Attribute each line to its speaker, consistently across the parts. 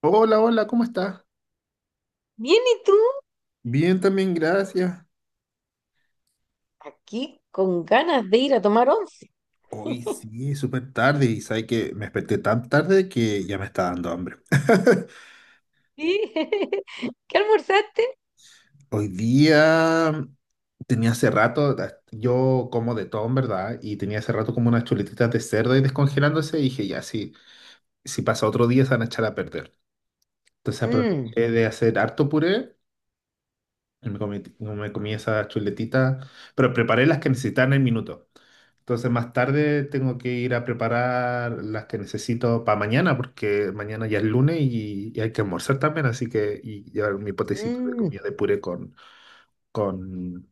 Speaker 1: Hola, hola, ¿cómo estás?
Speaker 2: Bien, ¿y tú?
Speaker 1: Bien, también, gracias.
Speaker 2: Aquí con ganas de ir a tomar once.
Speaker 1: Hoy sí, súper tarde y sabes que me desperté tan tarde que ya me está dando hambre.
Speaker 2: Sí. ¿Qué almorzaste?
Speaker 1: Hoy día tenía hace rato, yo como de todo en verdad, y tenía hace rato como unas chuletitas de cerdo y descongelándose y dije, ya, sí, si pasa otro día se van a echar a perder. Entonces
Speaker 2: Mm,
Speaker 1: aproveché de hacer harto puré y me comí, no me comí esas chuletitas, pero preparé las que necesitaba en el minuto. Entonces más tarde tengo que ir a preparar las que necesito para mañana, porque mañana ya es lunes y hay que almorzar también, así que y llevar mi potecito de
Speaker 2: mm.
Speaker 1: comida de puré con,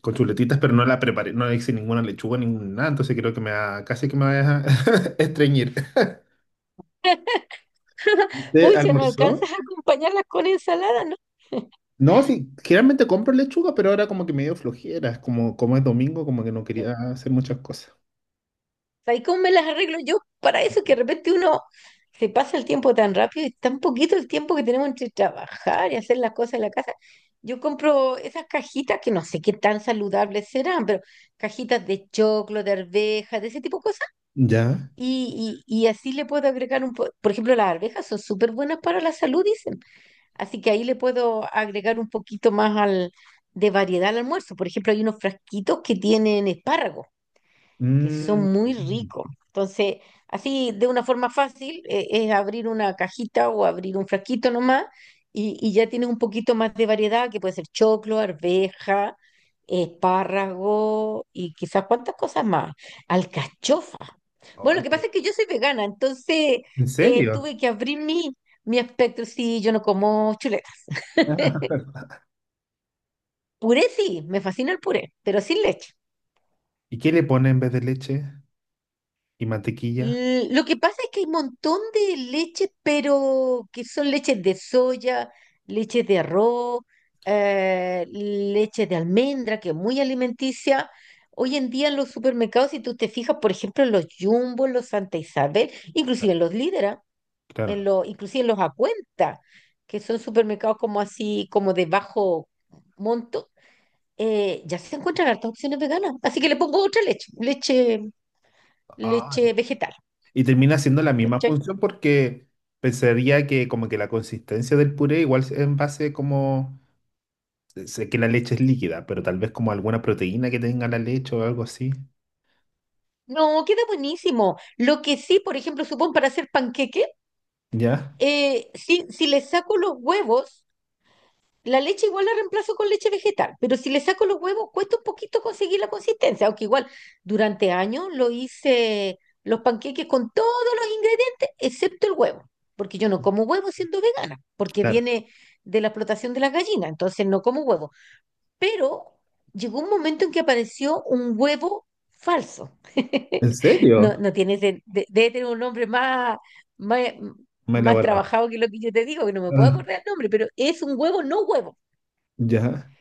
Speaker 1: con chuletitas, pero no la preparé, no le hice ninguna lechuga, ninguna nada, entonces creo que me va, casi que me va a dejar estreñir. ¿Usted
Speaker 2: Pucha, no
Speaker 1: almorzó?
Speaker 2: alcanzas a acompañarlas con ensalada, ¿no?
Speaker 1: No, sí, generalmente compro lechuga, pero ahora como que me dio flojera, como es domingo, como que no
Speaker 2: Ya.
Speaker 1: quería hacer muchas cosas.
Speaker 2: ¿Sabes cómo me las arreglo yo? Para eso que de repente uno se pasa el tiempo tan rápido y tan poquito el tiempo que tenemos entre trabajar y hacer las cosas en la casa. Yo compro esas cajitas que no sé qué tan saludables serán, pero cajitas de choclo, de arvejas, de ese tipo de cosas.
Speaker 1: Ya.
Speaker 2: Y así le puedo agregar por ejemplo, las arvejas son súper buenas para la salud, dicen. Así que ahí le puedo agregar un poquito más al, de variedad al almuerzo. Por ejemplo, hay unos frasquitos que tienen espárragos que
Speaker 1: Mm.
Speaker 2: son muy ricos. Entonces, así de una forma fácil, es abrir una cajita o abrir un frasquito nomás y ya tienes un poquito más de variedad, que puede ser choclo, arveja, espárrago y quizás cuántas cosas más. Alcachofa. Bueno,
Speaker 1: Ay,
Speaker 2: lo que
Speaker 1: qué-
Speaker 2: pasa es que yo soy vegana, entonces
Speaker 1: ¿En serio?
Speaker 2: tuve que abrir mi espectro. Sí, yo no como chuleta.
Speaker 1: Ah.
Speaker 2: Puré sí, me fascina el puré, pero sin leche.
Speaker 1: ¿Y qué le pone en vez de leche y mantequilla?
Speaker 2: Lo que pasa es que hay un montón de leches, pero que son leches de soya, leches de arroz, leche de almendra, que es muy alimenticia. Hoy en día en los supermercados, si tú te fijas, por ejemplo, en los Jumbo, en los Santa Isabel, inclusive en los Líderes, en
Speaker 1: Claro.
Speaker 2: los, inclusive en los Acuenta, que son supermercados como así, como de bajo monto, ya se encuentran hartas opciones veganas. Así que le pongo otra leche, leche
Speaker 1: Ay.
Speaker 2: vegetal.
Speaker 1: Y termina haciendo la misma
Speaker 2: ¿Cachai?
Speaker 1: función porque pensaría que como que la consistencia del puré igual es en base como... Sé que la leche es líquida, pero tal vez como alguna proteína que tenga la leche o algo así.
Speaker 2: No, queda buenísimo. Lo que sí, por ejemplo, supón para hacer panqueque,
Speaker 1: ¿Ya?
Speaker 2: si le saco los huevos, la leche igual la reemplazo con leche vegetal, pero si le saco los huevos, cuesta un poquito conseguir la consistencia, aunque igual durante años lo hice los panqueques con todos los ingredientes, excepto el huevo, porque yo no como huevo siendo vegana, porque
Speaker 1: Claro.
Speaker 2: viene de la explotación de las gallinas, entonces no como huevo. Pero llegó un momento en que apareció un huevo falso.
Speaker 1: ¿En
Speaker 2: No,
Speaker 1: serio?
Speaker 2: no tiene, debe tener un nombre más,
Speaker 1: Me he
Speaker 2: más
Speaker 1: elaborado.
Speaker 2: trabajado que lo que yo te digo, que no me puedo
Speaker 1: Ah,
Speaker 2: acordar el nombre, pero es un huevo no huevo.
Speaker 1: ya.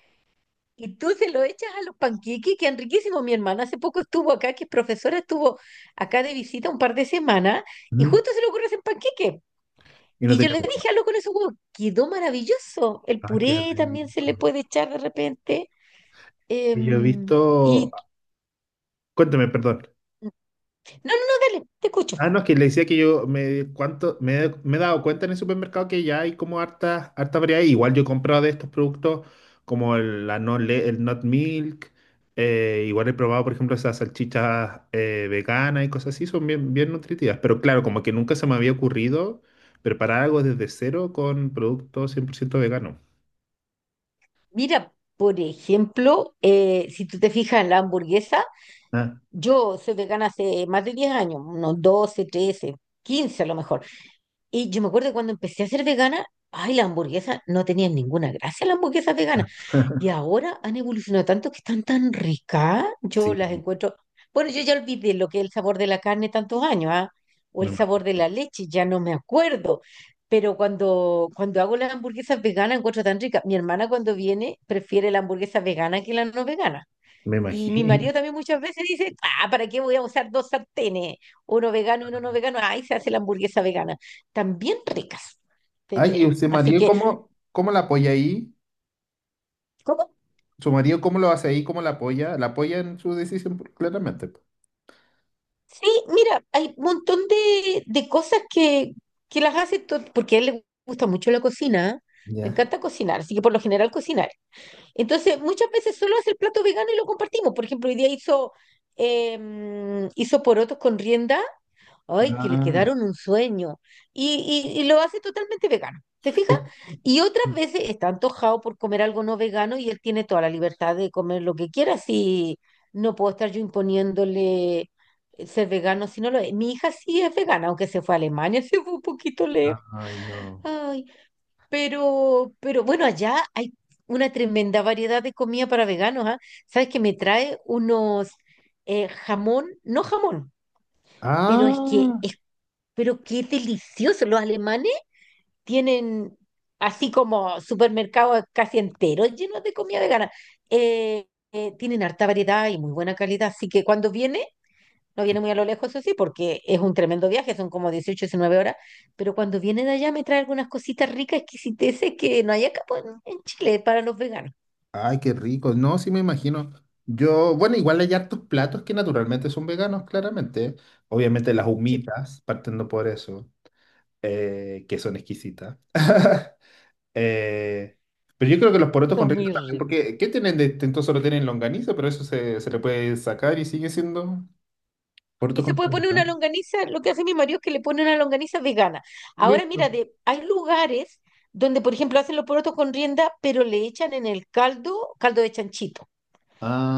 Speaker 2: Y tú se lo echas a los panqueques, que han riquísimos. Mi hermana hace poco estuvo acá, que es profesora, estuvo acá de visita un par de semanas, y
Speaker 1: Ujú.
Speaker 2: justo se le ocurre hacer panqueque.
Speaker 1: Y no
Speaker 2: Y yo
Speaker 1: tenía
Speaker 2: le
Speaker 1: huevo.
Speaker 2: dije, hazlo con esos huevos. Quedó maravilloso. El
Speaker 1: Ah, qué
Speaker 2: puré también se le
Speaker 1: rico.
Speaker 2: puede echar de repente.
Speaker 1: Y yo he
Speaker 2: Em,
Speaker 1: visto...
Speaker 2: y
Speaker 1: Cuéntame, perdón.
Speaker 2: no, dale, te escucho.
Speaker 1: Ah, no, es que le decía que yo me he dado cuenta en el supermercado que ya hay como harta variedad. Igual yo he comprado de estos productos como el, la no le- el Not Milk. Igual he probado, por ejemplo, esas salchichas veganas y cosas así. Son bien nutritivas. Pero claro, como que nunca se me había ocurrido preparar algo desde cero con productos cien por ciento veganos.
Speaker 2: Mira, por ejemplo, si tú te fijas en la hamburguesa,
Speaker 1: Ah,
Speaker 2: yo soy vegana hace más de 10 años, unos 12, 13, 15 a lo mejor. Y yo me acuerdo que cuando empecé a ser vegana, ay, las hamburguesas no tenían ninguna gracia, las hamburguesas veganas. Y ahora han evolucionado tanto que están tan ricas. Yo
Speaker 1: sí,
Speaker 2: las encuentro. Bueno, yo ya olvidé lo que es el sabor de la carne tantos años, ¿ah? O
Speaker 1: me,
Speaker 2: el
Speaker 1: ima-
Speaker 2: sabor de la leche, ya no me acuerdo. Pero cuando hago las hamburguesas veganas, encuentro tan ricas. Mi hermana cuando viene prefiere la hamburguesa vegana que la no vegana.
Speaker 1: me
Speaker 2: Y mi
Speaker 1: imagino.
Speaker 2: marido también muchas veces dice, ah, ¿para qué voy a usar dos sartenes? Uno vegano y uno no vegano. Ahí se hace la hamburguesa vegana. También ricas, te
Speaker 1: Ay, y
Speaker 2: diré.
Speaker 1: usted,
Speaker 2: Así
Speaker 1: María,
Speaker 2: que,
Speaker 1: ¿ cómo la apoya ahí?
Speaker 2: ¿cómo?
Speaker 1: Su marido, ¿cómo lo hace ahí? ¿Cómo la apoya? La apoya en su decisión, pues, claramente. Pues.
Speaker 2: Sí, mira, hay un montón de cosas que las hace, porque a él le gusta mucho la cocina, ¿eh? Le
Speaker 1: Ya.
Speaker 2: encanta cocinar, así que por lo general cocinar. Entonces, muchas veces solo hace el plato vegano y lo compartimos. Por ejemplo, hoy día hizo, hizo porotos con rienda. Ay, que le
Speaker 1: Ah.
Speaker 2: quedaron un sueño. Y, y lo hace totalmente vegano. ¿Te fijas?
Speaker 1: Ay,
Speaker 2: Y otras veces está antojado por comer algo no vegano y él tiene toda la libertad de comer lo que quiera. Si no puedo estar yo imponiéndole ser vegano si no lo es. Mi hija sí es vegana, aunque se fue a Alemania, se fue un poquito lejos.
Speaker 1: ay, no.
Speaker 2: Ay, pero bueno, allá hay una tremenda variedad de comida para veganos, ¿ah? ¿Sabes que me trae unos jamón, no jamón? Pero es que
Speaker 1: Ah,
Speaker 2: es pero qué delicioso. Los alemanes tienen así como supermercados casi enteros llenos de comida vegana. Eh, tienen harta variedad y muy buena calidad. Así que cuando viene, no
Speaker 1: qué-
Speaker 2: viene muy a lo lejos, eso sí, porque es un tremendo viaje, son como 18-19 horas. Pero cuando viene de allá me trae algunas cositas ricas, exquisiteces que no hay acá pues, en Chile para los veganos.
Speaker 1: ay, qué rico. No, sí me imagino. Yo, bueno, igual hay hartos platos que naturalmente son veganos, claramente. Obviamente las
Speaker 2: Sí,
Speaker 1: humitas, partiendo por eso, que son exquisitas. Eh, pero yo creo que los porotos con
Speaker 2: son
Speaker 1: rienda
Speaker 2: muy
Speaker 1: también,
Speaker 2: ricos.
Speaker 1: porque ¿qué tienen de distinto? Solo tienen longaniza, pero eso se le puede sacar y sigue siendo
Speaker 2: Y
Speaker 1: porotos
Speaker 2: se
Speaker 1: con
Speaker 2: puede poner una
Speaker 1: rienda.
Speaker 2: longaniza, lo que hace mi marido es que le pone una longaniza vegana. Ahora
Speaker 1: Listo.
Speaker 2: mira, de, hay lugares donde, por ejemplo, hacen los porotos con rienda, pero le echan en el caldo, caldo de chanchito.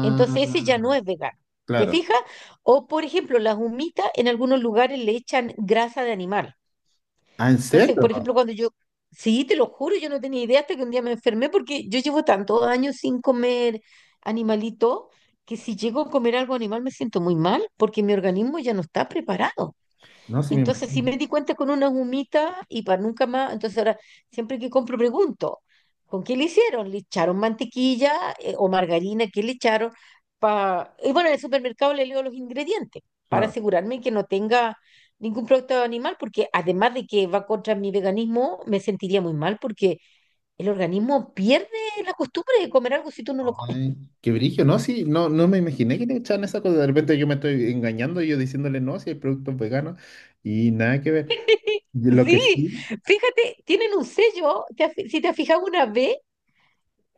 Speaker 2: Entonces ese ya no es vegano. ¿Te
Speaker 1: claro.
Speaker 2: fijas? O, por ejemplo, las humitas en algunos lugares le echan grasa de animal.
Speaker 1: Ah, ¿en
Speaker 2: Entonces,
Speaker 1: serio?
Speaker 2: por ejemplo, sí, te lo juro, yo no tenía idea hasta que un día me enfermé porque yo llevo tantos años sin comer animalito que si llego a comer algo animal me siento muy mal porque mi organismo ya no está preparado.
Speaker 1: No, sí me
Speaker 2: Entonces,
Speaker 1: imagino.
Speaker 2: si me di cuenta con una humita y para nunca más, entonces ahora siempre que compro pregunto, ¿con qué le hicieron? ¿Le echaron mantequilla o margarina? ¿Qué le echaron? Pa... Y bueno, en el supermercado le leo los ingredientes para
Speaker 1: Claro.
Speaker 2: asegurarme que no tenga ningún producto animal, porque además de que va contra mi veganismo, me sentiría muy mal porque el organismo pierde la costumbre de comer algo si tú no lo comes.
Speaker 1: Ay, qué brillo, ¿no? Sí, no, no me imaginé que le echaban esa cosa. De repente yo me estoy engañando, y yo diciéndole no, si hay productos veganos y nada que ver. Y lo que
Speaker 2: Sí,
Speaker 1: sí,
Speaker 2: fíjate, tienen un sello, si te has fijado una vez.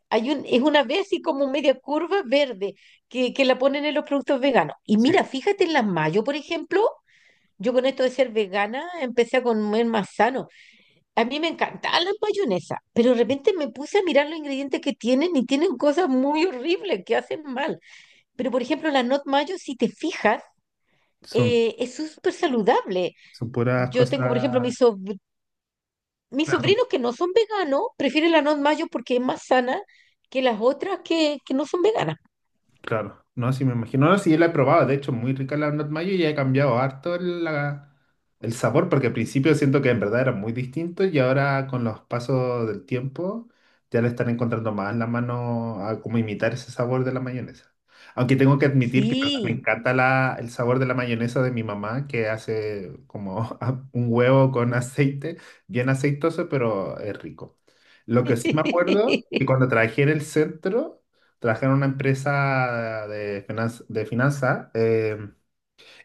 Speaker 2: Es una vez así como media curva verde que la ponen en los productos veganos. Y mira,
Speaker 1: sí,
Speaker 2: fíjate en las mayo, por ejemplo, yo con esto de ser vegana empecé a comer más sano. A mí me encantaban las mayonesas, pero de repente me puse a mirar los ingredientes que tienen y tienen cosas muy horribles que hacen mal. Pero por ejemplo, la not mayo, si te fijas,
Speaker 1: son,
Speaker 2: es súper saludable.
Speaker 1: son puras
Speaker 2: Yo tengo, por ejemplo,
Speaker 1: cosas.
Speaker 2: mis sobrinos que no son veganos, prefieren la not mayo porque es más sana que las otras que no son veganas.
Speaker 1: Claro, no, sí me imagino. No, sí, yo la he probado, de hecho, muy rica la not mayo y he cambiado harto el sabor, porque al principio siento que en verdad era muy distinto y ahora con los pasos del tiempo ya le están encontrando más la mano a cómo imitar ese sabor de la mayonesa. Aunque tengo que admitir que en verdad, me
Speaker 2: Sí.
Speaker 1: encanta el sabor de la mayonesa de mi mamá, que hace como un huevo con aceite, bien aceitoso, pero es rico. Lo que sí me acuerdo, que cuando trabajé en el centro trabajaba en una empresa de de finanza,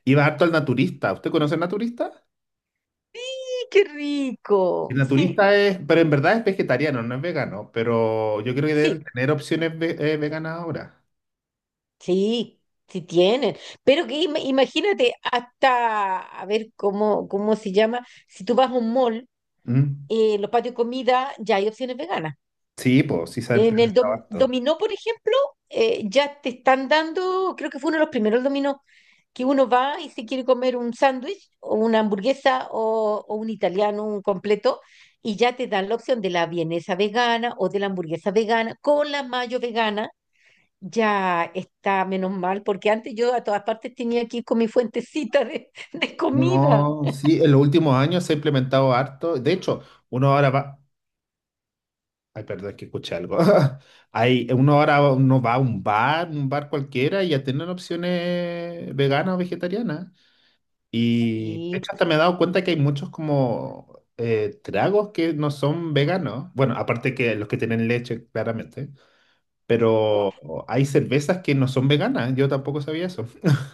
Speaker 1: iba harto al naturista. ¿Usted conoce al naturista?
Speaker 2: Sí, qué
Speaker 1: El
Speaker 2: rico. Sí,
Speaker 1: naturista es, pero en verdad es vegetariano, no es vegano, pero yo creo que deben
Speaker 2: sí,
Speaker 1: tener opciones veganas ahora.
Speaker 2: sí, sí tienen. Pero que imagínate hasta, a ver cómo se llama, si tú vas a un mall,
Speaker 1: Mm.
Speaker 2: los patios de comida, ya hay opciones veganas.
Speaker 1: Sí, pues sí se ha
Speaker 2: En el
Speaker 1: implementado harto.
Speaker 2: dominó, por ejemplo, ya te están dando, creo que fue uno de los primeros dominó, que uno va y se quiere comer un sándwich o una hamburguesa o un italiano, un completo, y ya te dan la opción de la vienesa vegana o de la hamburguesa vegana con la mayo vegana. Ya está menos mal, porque antes yo a todas partes tenía que ir con mi fuentecita de comida.
Speaker 1: No, sí, en los últimos años se ha implementado harto. De hecho, uno ahora va. Ay, perdón, es que escuché algo. Hay, uno ahora uno va a un bar cualquiera, y ya tienen opciones veganas o vegetarianas. Y de
Speaker 2: Sí,
Speaker 1: hecho hasta me he dado cuenta que hay muchos como tragos que no son veganos. Bueno, aparte que los que tienen leche, claramente. Pero
Speaker 2: claro.
Speaker 1: hay cervezas que no son veganas. Yo tampoco sabía eso.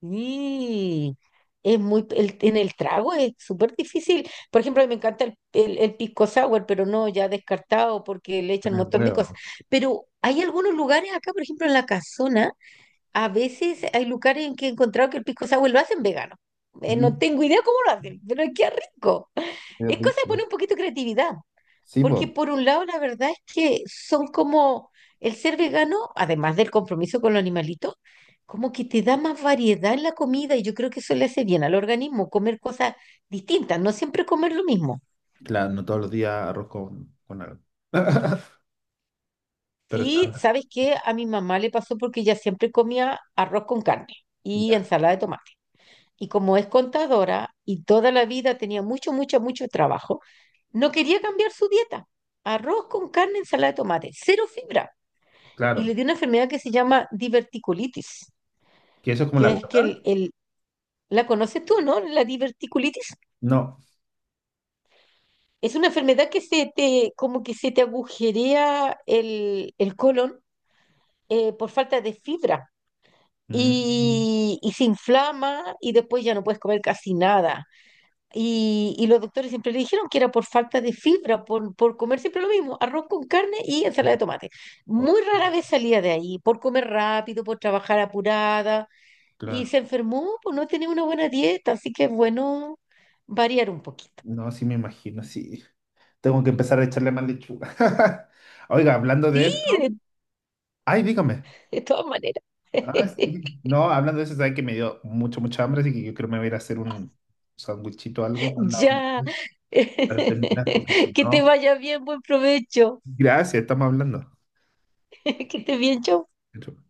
Speaker 2: Mm, en el trago es súper difícil. Por ejemplo, a mí me encanta el pisco sour, pero no, ya descartado porque le echan un
Speaker 1: Tiene
Speaker 2: montón de cosas.
Speaker 1: huevo.
Speaker 2: Pero hay algunos lugares acá, por ejemplo, en la casona, a veces hay lugares en que he encontrado que el pisco sour lo hacen vegano. No
Speaker 1: Mm.
Speaker 2: tengo idea cómo lo hacen, pero qué rico.
Speaker 1: Qué
Speaker 2: Es cosa de
Speaker 1: rico.
Speaker 2: poner un poquito de creatividad.
Speaker 1: Sí, pues.
Speaker 2: Porque por un lado, la verdad es que son como el ser vegano, además del compromiso con los animalitos, como que te da más variedad en la comida y yo creo que eso le hace bien al organismo, comer cosas distintas, no siempre comer lo mismo.
Speaker 1: Claro, no todos los días arroz con algo. Pero
Speaker 2: Sí,
Speaker 1: está.
Speaker 2: ¿sabes qué? A mi mamá le pasó porque ella siempre comía arroz con carne y
Speaker 1: Ya,
Speaker 2: ensalada de tomate. Y como es contadora y toda la vida tenía mucho trabajo, no quería cambiar su dieta. Arroz con carne, ensalada de tomate, cero fibra. Y
Speaker 1: claro.
Speaker 2: le dio una enfermedad que se llama diverticulitis,
Speaker 1: Que eso es como la
Speaker 2: que es que
Speaker 1: gota.
Speaker 2: la conoces tú, ¿no? La diverticulitis.
Speaker 1: No.
Speaker 2: Es una enfermedad que se te, como que se te agujerea el colon por falta de fibra
Speaker 1: Mm,
Speaker 2: y se inflama y después ya no puedes comer casi nada. Y los doctores siempre le dijeron que era por falta de fibra, por comer siempre lo mismo, arroz con carne y ensalada de tomate.
Speaker 1: oh,
Speaker 2: Muy rara vez salía de ahí, por comer rápido, por trabajar apurada y
Speaker 1: claro.
Speaker 2: se enfermó por no tener una buena dieta, así que es bueno variar un poquito.
Speaker 1: No, sí me imagino, sí. Tengo que empezar a echarle más lechuga. Oiga, hablando de
Speaker 2: Sí,
Speaker 1: eso.
Speaker 2: de,
Speaker 1: Ay, dígame.
Speaker 2: de todas maneras.
Speaker 1: Ah, sí. No, hablando de eso, sabe que me dio mucha hambre, así que yo creo que me voy a ir a hacer un sandwichito o algo
Speaker 2: Ya.
Speaker 1: para terminar, porque si
Speaker 2: Que te
Speaker 1: no.
Speaker 2: vaya bien, buen provecho.
Speaker 1: Gracias, estamos hablando.
Speaker 2: Que estés bien, chau.